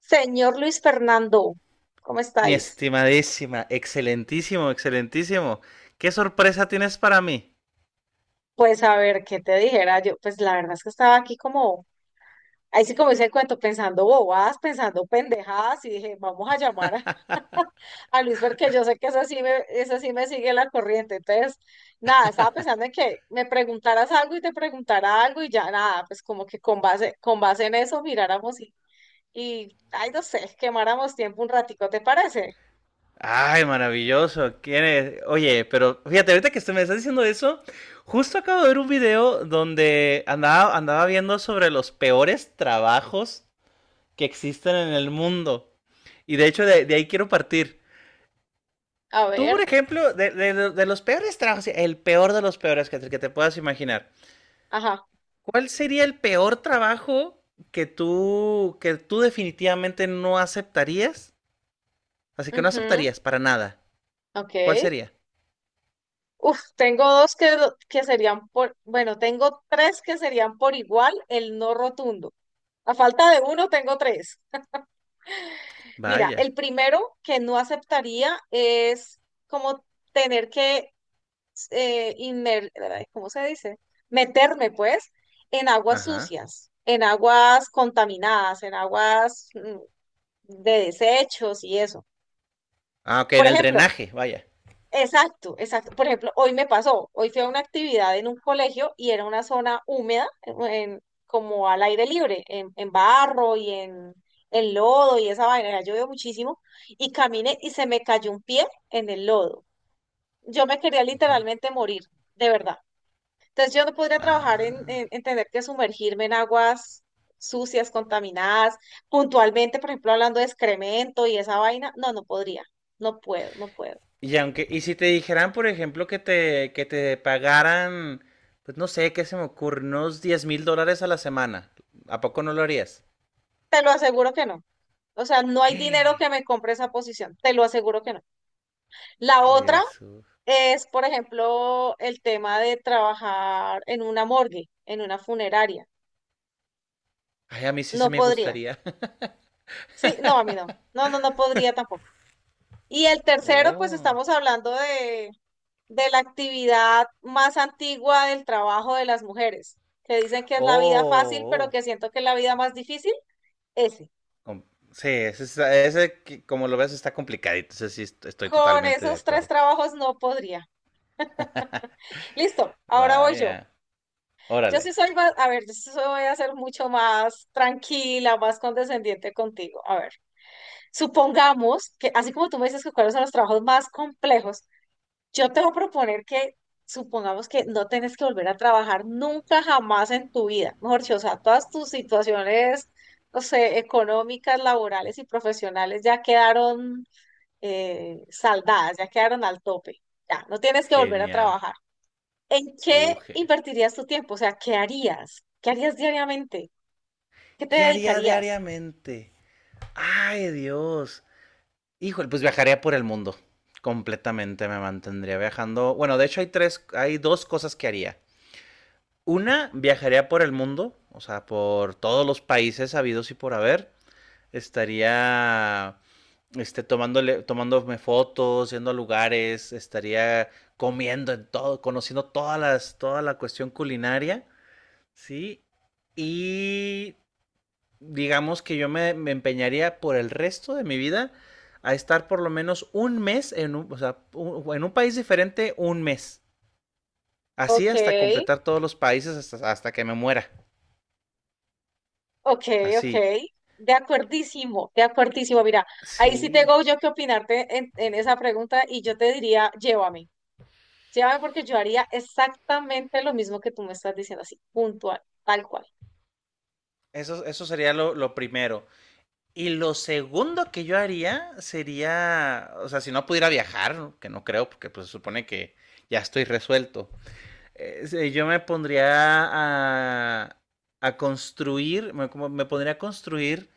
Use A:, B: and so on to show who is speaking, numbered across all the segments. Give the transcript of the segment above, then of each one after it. A: Señor Luis Fernando, ¿cómo
B: Mi
A: estáis?
B: estimadísima, excelentísimo, excelentísimo. ¿Qué sorpresa tienes para mí?
A: Pues a ver, ¿qué te dijera yo? Pues la verdad es que estaba aquí como, ahí sí como dice el cuento, pensando bobadas, pensando pendejadas, y dije, vamos a llamar a Luis porque yo sé que eso sí me sigue la corriente. Entonces, nada, estaba pensando en que me preguntaras algo y te preguntara algo y ya nada, pues como que con base en eso miráramos ay, no sé, quemáramos tiempo un ratico, ¿te parece?
B: Ay, maravilloso. ¿Quién es? Oye, pero fíjate, ahorita que usted me está diciendo eso, justo acabo de ver un video donde andaba viendo sobre los peores trabajos que existen en el mundo. Y de hecho, de ahí quiero partir.
A: A
B: Tú, por
A: ver,
B: ejemplo, de los peores trabajos, el peor de los peores que te puedas imaginar.
A: ajá,
B: ¿Cuál sería el peor trabajo que tú definitivamente no aceptarías? Así que no
A: ujú,
B: aceptarías para nada.
A: ok.
B: ¿Cuál sería?
A: Uf, tengo que serían por, bueno, tengo tres que serían por igual el no rotundo. A falta de uno, tengo tres. Mira,
B: Vaya.
A: el primero que no aceptaría es como tener eh, inmer- ay, ¿cómo se dice? Meterme, pues, en aguas
B: Ajá.
A: sucias, en aguas contaminadas, en aguas de desechos y eso.
B: Ah, ok,
A: Por
B: en el
A: ejemplo,
B: drenaje, vaya.
A: exacto, exacto. Por ejemplo, hoy me pasó, hoy fui a una actividad en un colegio y era una zona húmeda, como al aire libre, en barro en lodo y esa vaina, ya llovió muchísimo, y caminé y se me cayó un pie en el lodo. Yo me quería
B: Di-
A: literalmente morir, de verdad. Entonces yo no podría trabajar
B: Ah.
A: en tener que sumergirme en aguas sucias, contaminadas, puntualmente, por ejemplo, hablando de excremento y esa vaina, no, no podría, no puedo, no puedo.
B: Y aunque, y si te dijeran, por ejemplo, que te pagaran, pues no sé, qué se me ocurre, unos $10,000 a la semana, ¿a poco no lo harías?
A: Te lo aseguro que no. O sea, no hay dinero que me compre esa posición, te lo aseguro que no. La otra
B: Jesús.
A: es, por ejemplo, el tema de trabajar en una morgue, en una funeraria.
B: Ay, a mí sí se
A: No
B: me
A: podría.
B: gustaría.
A: Sí, no, a mí no. No, no, no podría tampoco. Y el tercero, pues estamos hablando de la actividad más antigua del trabajo de las mujeres, que dicen que es la vida fácil, pero
B: Oh, oh.
A: que siento que es la vida más difícil, ese.
B: Com- Sí, ese, está- ese que- como lo ves está complicadito, ese sí est- estoy
A: Con
B: totalmente de
A: esos tres
B: acuerdo.
A: trabajos no podría. Listo, ahora voy yo.
B: Vaya,
A: Yo sí
B: órale,
A: soy más, a ver, voy a ser mucho más tranquila, más condescendiente contigo. A ver, supongamos que, así como tú me dices que cuáles son los trabajos más complejos, yo te voy a proponer que supongamos que no tienes que volver a trabajar nunca jamás en tu vida. Mejor dicho, o sea, todas tus situaciones, no sé, económicas, laborales y profesionales ya quedaron saldadas, ya quedaron al tope. Ya, no tienes que volver a
B: genial.
A: trabajar. ¿En qué
B: Ge-
A: invertirías tu tiempo? O sea, ¿qué harías? ¿Qué harías diariamente? ¿Qué te
B: ¿Qué haría
A: dedicarías?
B: diariamente? Ay, Dios. Híjole, pues viajaría por el mundo. Completamente me mantendría viajando. Bueno, de hecho hay tres, hay dos cosas que haría. Una, viajaría por el mundo, o sea, por todos los países habidos y por haber. Estaría este, tomándole, tomándome fotos, yendo a lugares, estaría comiendo en todo, conociendo todas las, toda la cuestión culinaria, ¿sí? Y digamos que yo me empeñaría por el resto de mi vida a estar por lo menos un mes en un, o sea, un- en un país diferente, un mes. Así
A: Ok,
B: hasta completar todos los países hasta que me muera.
A: ok, ok.
B: Así.
A: De acuerdísimo, de acuerdísimo. Mira, ahí sí
B: Sí.
A: tengo yo que opinarte en esa pregunta y yo te diría, llévame. Llévame porque yo haría exactamente lo mismo que tú me estás diciendo, así, puntual, tal cual.
B: Eso sería lo primero. Y lo segundo que yo haría sería, o sea, si no pudiera viajar, que no creo, porque pues se supone que ya estoy resuelto, yo me pondría a, a construir, me, como me pondría a construir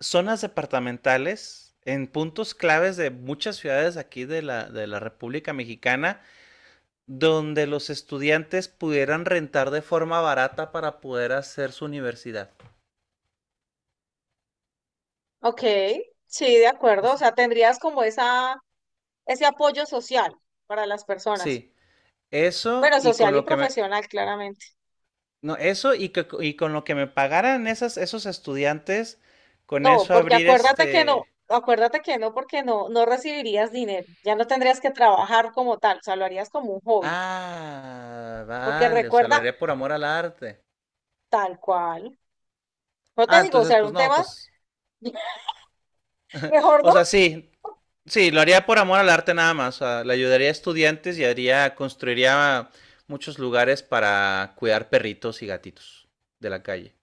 B: zonas departamentales en puntos claves de muchas ciudades aquí de la República Mexicana, donde los estudiantes pudieran rentar de forma barata para poder hacer su universidad.
A: Ok, sí, de
B: O
A: acuerdo. O
B: sea,
A: sea, tendrías como esa, ese apoyo social para las personas.
B: sí, eso
A: Bueno,
B: y
A: social
B: con
A: y
B: lo que me,
A: profesional, claramente.
B: no, eso y, que- y con lo que me pagaran esas, esos estudiantes, con
A: No,
B: eso
A: porque
B: abrir este...
A: acuérdate que no, porque no, no recibirías dinero, ya no tendrías que trabajar como tal, o sea, lo harías como un hobby,
B: Ah,
A: porque
B: vale, o sea, lo
A: recuerda
B: haría por amor al arte.
A: tal cual. No
B: Ah,
A: te digo, o
B: entonces,
A: sea, era
B: pues
A: un
B: no,
A: tema,
B: pues...
A: mejor
B: O
A: no.
B: sea, sí, sí, lo haría por amor al arte nada más. O sea, le ayudaría a estudiantes y haría, construiría muchos lugares para cuidar perritos y gatitos de la calle.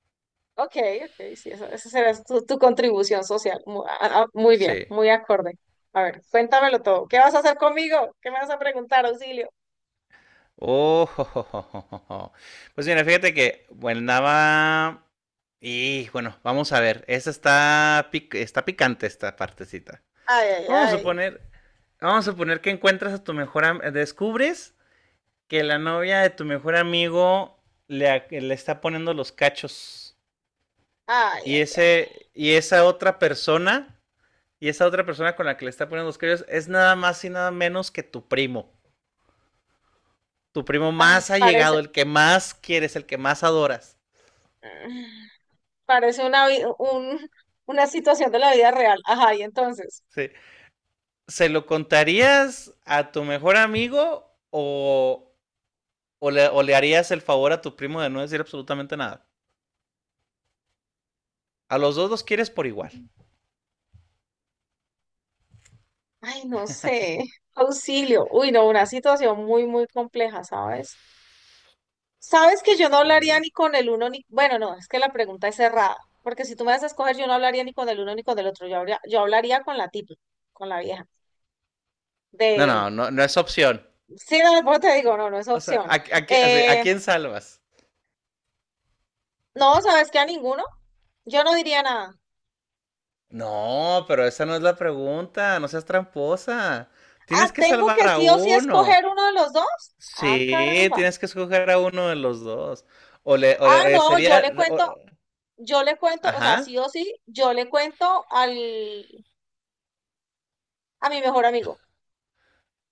A: Ok, ok, sí, esa será tu, tu contribución social. Muy, bien,
B: Sí.
A: muy acorde. A ver, cuéntamelo todo. ¿Qué vas a hacer conmigo? ¿Qué me vas a preguntar, auxilio?
B: Oh, jo, jo, jo, jo, jo, pues mira, fíjate que, bueno, andaba. Y bueno, vamos a ver. Esa está, pic- está picante esta partecita.
A: Ay, ay,
B: Vamos a
A: ay,
B: suponer, vamos a suponer que encuentras a tu mejor am- descubres que la novia de tu mejor amigo le, a- le está poniendo los cachos.
A: ay,
B: Y
A: ay, ay,
B: ese, y esa otra persona, y esa otra persona con la que le está poniendo los cachos es nada más y nada menos que tu primo. Tu primo
A: ay,
B: más allegado, el que más quieres, el que más adoras.
A: parece una situación de la vida real. Ajá, y entonces.
B: Sí. ¿Se lo contarías a tu mejor amigo o, o le harías el favor a tu primo de no decir absolutamente nada? A los dos los quieres por igual.
A: Ay, no sé. Auxilio. Uy, no, una situación muy, muy compleja, ¿sabes? Sabes que yo no hablaría
B: Sí.
A: ni con el uno ni... Bueno, no, es que la pregunta es cerrada, porque si tú me das a escoger, yo no hablaría ni con el uno ni con el otro. Yo hablaría con la tipa, con la vieja.
B: No,
A: De...
B: no, no, no es opción.
A: Sí, no, por eso te digo, no, no es
B: O sea,
A: opción.
B: a qui- ¿a
A: Eh,
B: quién salvas?
A: no, ¿sabes qué? A ninguno. Yo no diría nada.
B: No, pero esa no es la pregunta, no seas tramposa.
A: Ah,
B: Tienes que
A: ¿tengo
B: salvar
A: que
B: a
A: sí o sí
B: uno.
A: escoger uno de los dos? Ah,
B: Sí,
A: caramba.
B: tienes que escoger a uno de los dos. O
A: Ah,
B: le-
A: no,
B: sería, o-
A: yo le cuento, o sea,
B: ajá,
A: sí o sí, yo le cuento al, a mi mejor amigo.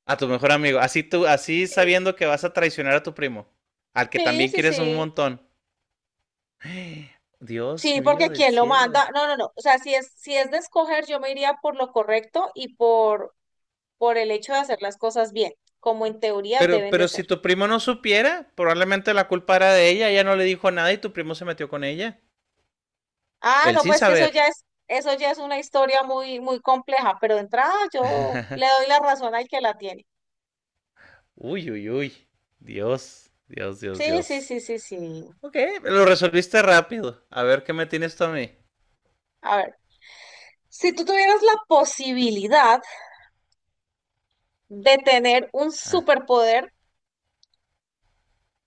B: a tu mejor amigo. Así tú, así
A: Sí.
B: sabiendo que vas a traicionar a tu primo, al que
A: Sí,
B: también
A: sí,
B: quieres un
A: sí.
B: montón. Dios
A: Sí,
B: mío
A: porque
B: del
A: quién lo
B: cielo.
A: manda. No, no, no. O sea, si es, si es de escoger, yo me iría por lo correcto y por el hecho de hacer las cosas bien, como en teoría deben de
B: Pero
A: ser.
B: si tu primo no supiera, probablemente la culpa era de ella, ella no le dijo nada y tu primo se metió con ella.
A: Ah,
B: Él
A: no,
B: sin
A: pues que
B: saber.
A: eso ya es una historia muy, muy compleja, pero de entrada yo le doy la razón al que la tiene.
B: Uy, uy, uy. Dios, Dios, Dios,
A: Sí, sí,
B: Dios.
A: sí, sí, sí.
B: Ok, lo resolviste rápido. A ver qué me tienes tú a mí.
A: A ver, si tú tuvieras la posibilidad de tener un
B: Ah.
A: superpoder,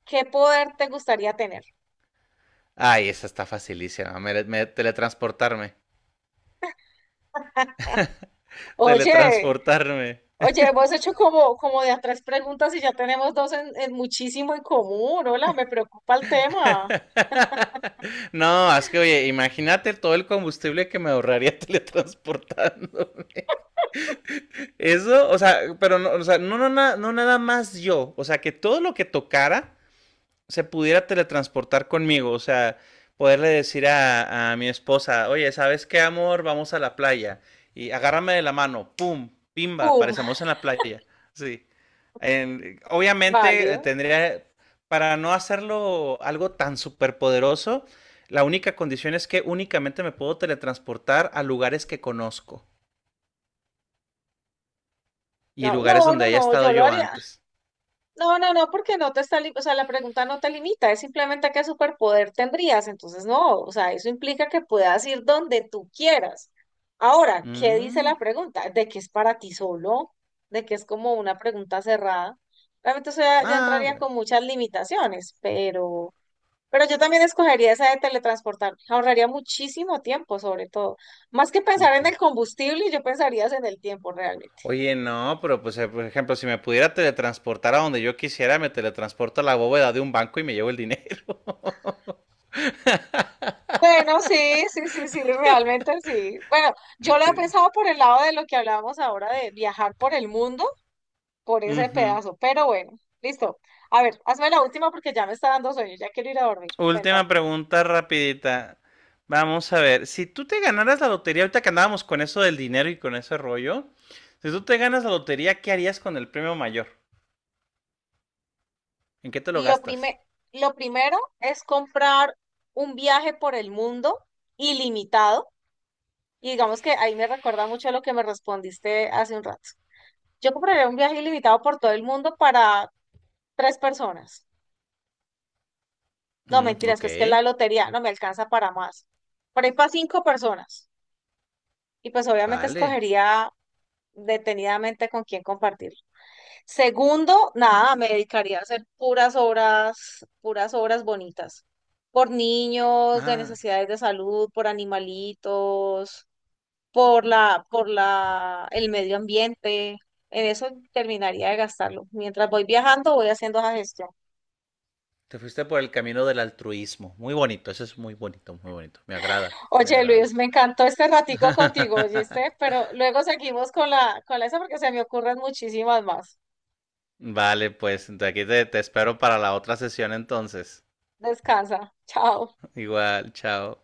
A: ¿qué poder te gustaría tener?
B: Ay, esa está facilísima. Me- me- teletransportarme.
A: Oye,
B: Teletransportarme.
A: oye, hemos hecho como, como de a tres preguntas y ya tenemos dos en muchísimo en común. Hola, me preocupa el tema.
B: No, es que oye, imagínate todo el combustible que me ahorraría teletransportarme. Eso, o sea, pero no, o sea, no, no, na- no nada más yo, o sea, que todo lo que tocara se pudiera teletransportar conmigo, o sea, poderle decir a mi esposa, oye, ¿sabes qué, amor? Vamos a la playa y agárrame de la mano, pum, pimba,
A: ¡Pum!
B: aparecemos en la playa, sí. En- obviamente
A: Válido.
B: tendría, para no hacerlo algo tan superpoderoso, la única condición es que únicamente me puedo teletransportar a lugares que conozco y
A: No,
B: lugares
A: no,
B: donde
A: no,
B: haya
A: no, yo
B: estado
A: lo
B: yo
A: haría,
B: antes.
A: no, no, no, porque no te está, o sea, la pregunta no te limita, es simplemente qué superpoder tendrías, entonces no, o sea, eso implica que puedas ir donde tú quieras. Ahora, ¿qué dice
B: Mm,
A: la pregunta? ¿De que es para ti solo? ¿De que es como una pregunta cerrada? Realmente eso ya, ya
B: ah,
A: entraría
B: bueno.
A: con muchas limitaciones, pero yo también escogería esa de teletransportarme, ahorraría muchísimo tiempo sobre todo. Más que
B: Un
A: pensar en el
B: chis-
A: combustible, yo pensaría es en el tiempo realmente.
B: oye, no, pero pues, por ejemplo, si me pudiera teletransportar a donde yo quisiera, me teletransporto a la bóveda de un banco y me llevo el dinero.
A: Bueno, sí, sí, sí, sí, realmente sí. Bueno, yo lo he
B: Sí.
A: pensado por el lado de lo que hablábamos ahora de viajar por el mundo, por ese
B: Ujú.
A: pedazo, pero bueno, listo. A ver, hazme la última porque ya me está dando sueño, ya quiero ir a dormir. Cuéntame.
B: Última pregunta rapidita. Vamos a ver, si tú te ganaras la lotería, ahorita que andábamos con eso del dinero y con ese rollo, si tú te ganas la lotería, ¿qué harías con el premio mayor? ¿En qué te lo
A: Lo
B: gastas?
A: prime- lo primero es comprar un viaje por el mundo ilimitado. Y digamos que ahí me recuerda mucho a lo que me respondiste hace un rato. Yo compraría un viaje ilimitado por todo el mundo para tres personas. No,
B: Mm,
A: mentiras,
B: ok,
A: pues que la lotería no me alcanza para más. Por ahí para cinco personas. Y pues obviamente
B: vale.
A: escogería detenidamente con quién compartir. Segundo, nada, me dedicaría a hacer puras obras bonitas. Por niños de
B: Ah,
A: necesidades de salud, por animalitos, el medio ambiente. En eso terminaría de gastarlo. Mientras voy viajando, voy haciendo esa gestión.
B: te fuiste por el camino del altruismo. Muy bonito, eso es muy bonito, muy bonito. Me agrada, me
A: Oye, Luis,
B: agrada.
A: me encantó este ratico contigo, ¿oíste? Pero luego seguimos con la esa porque se me ocurren muchísimas más.
B: Vale, pues de aquí te, te espero para la otra sesión entonces.
A: Descansa. Chao.
B: Igual, chao.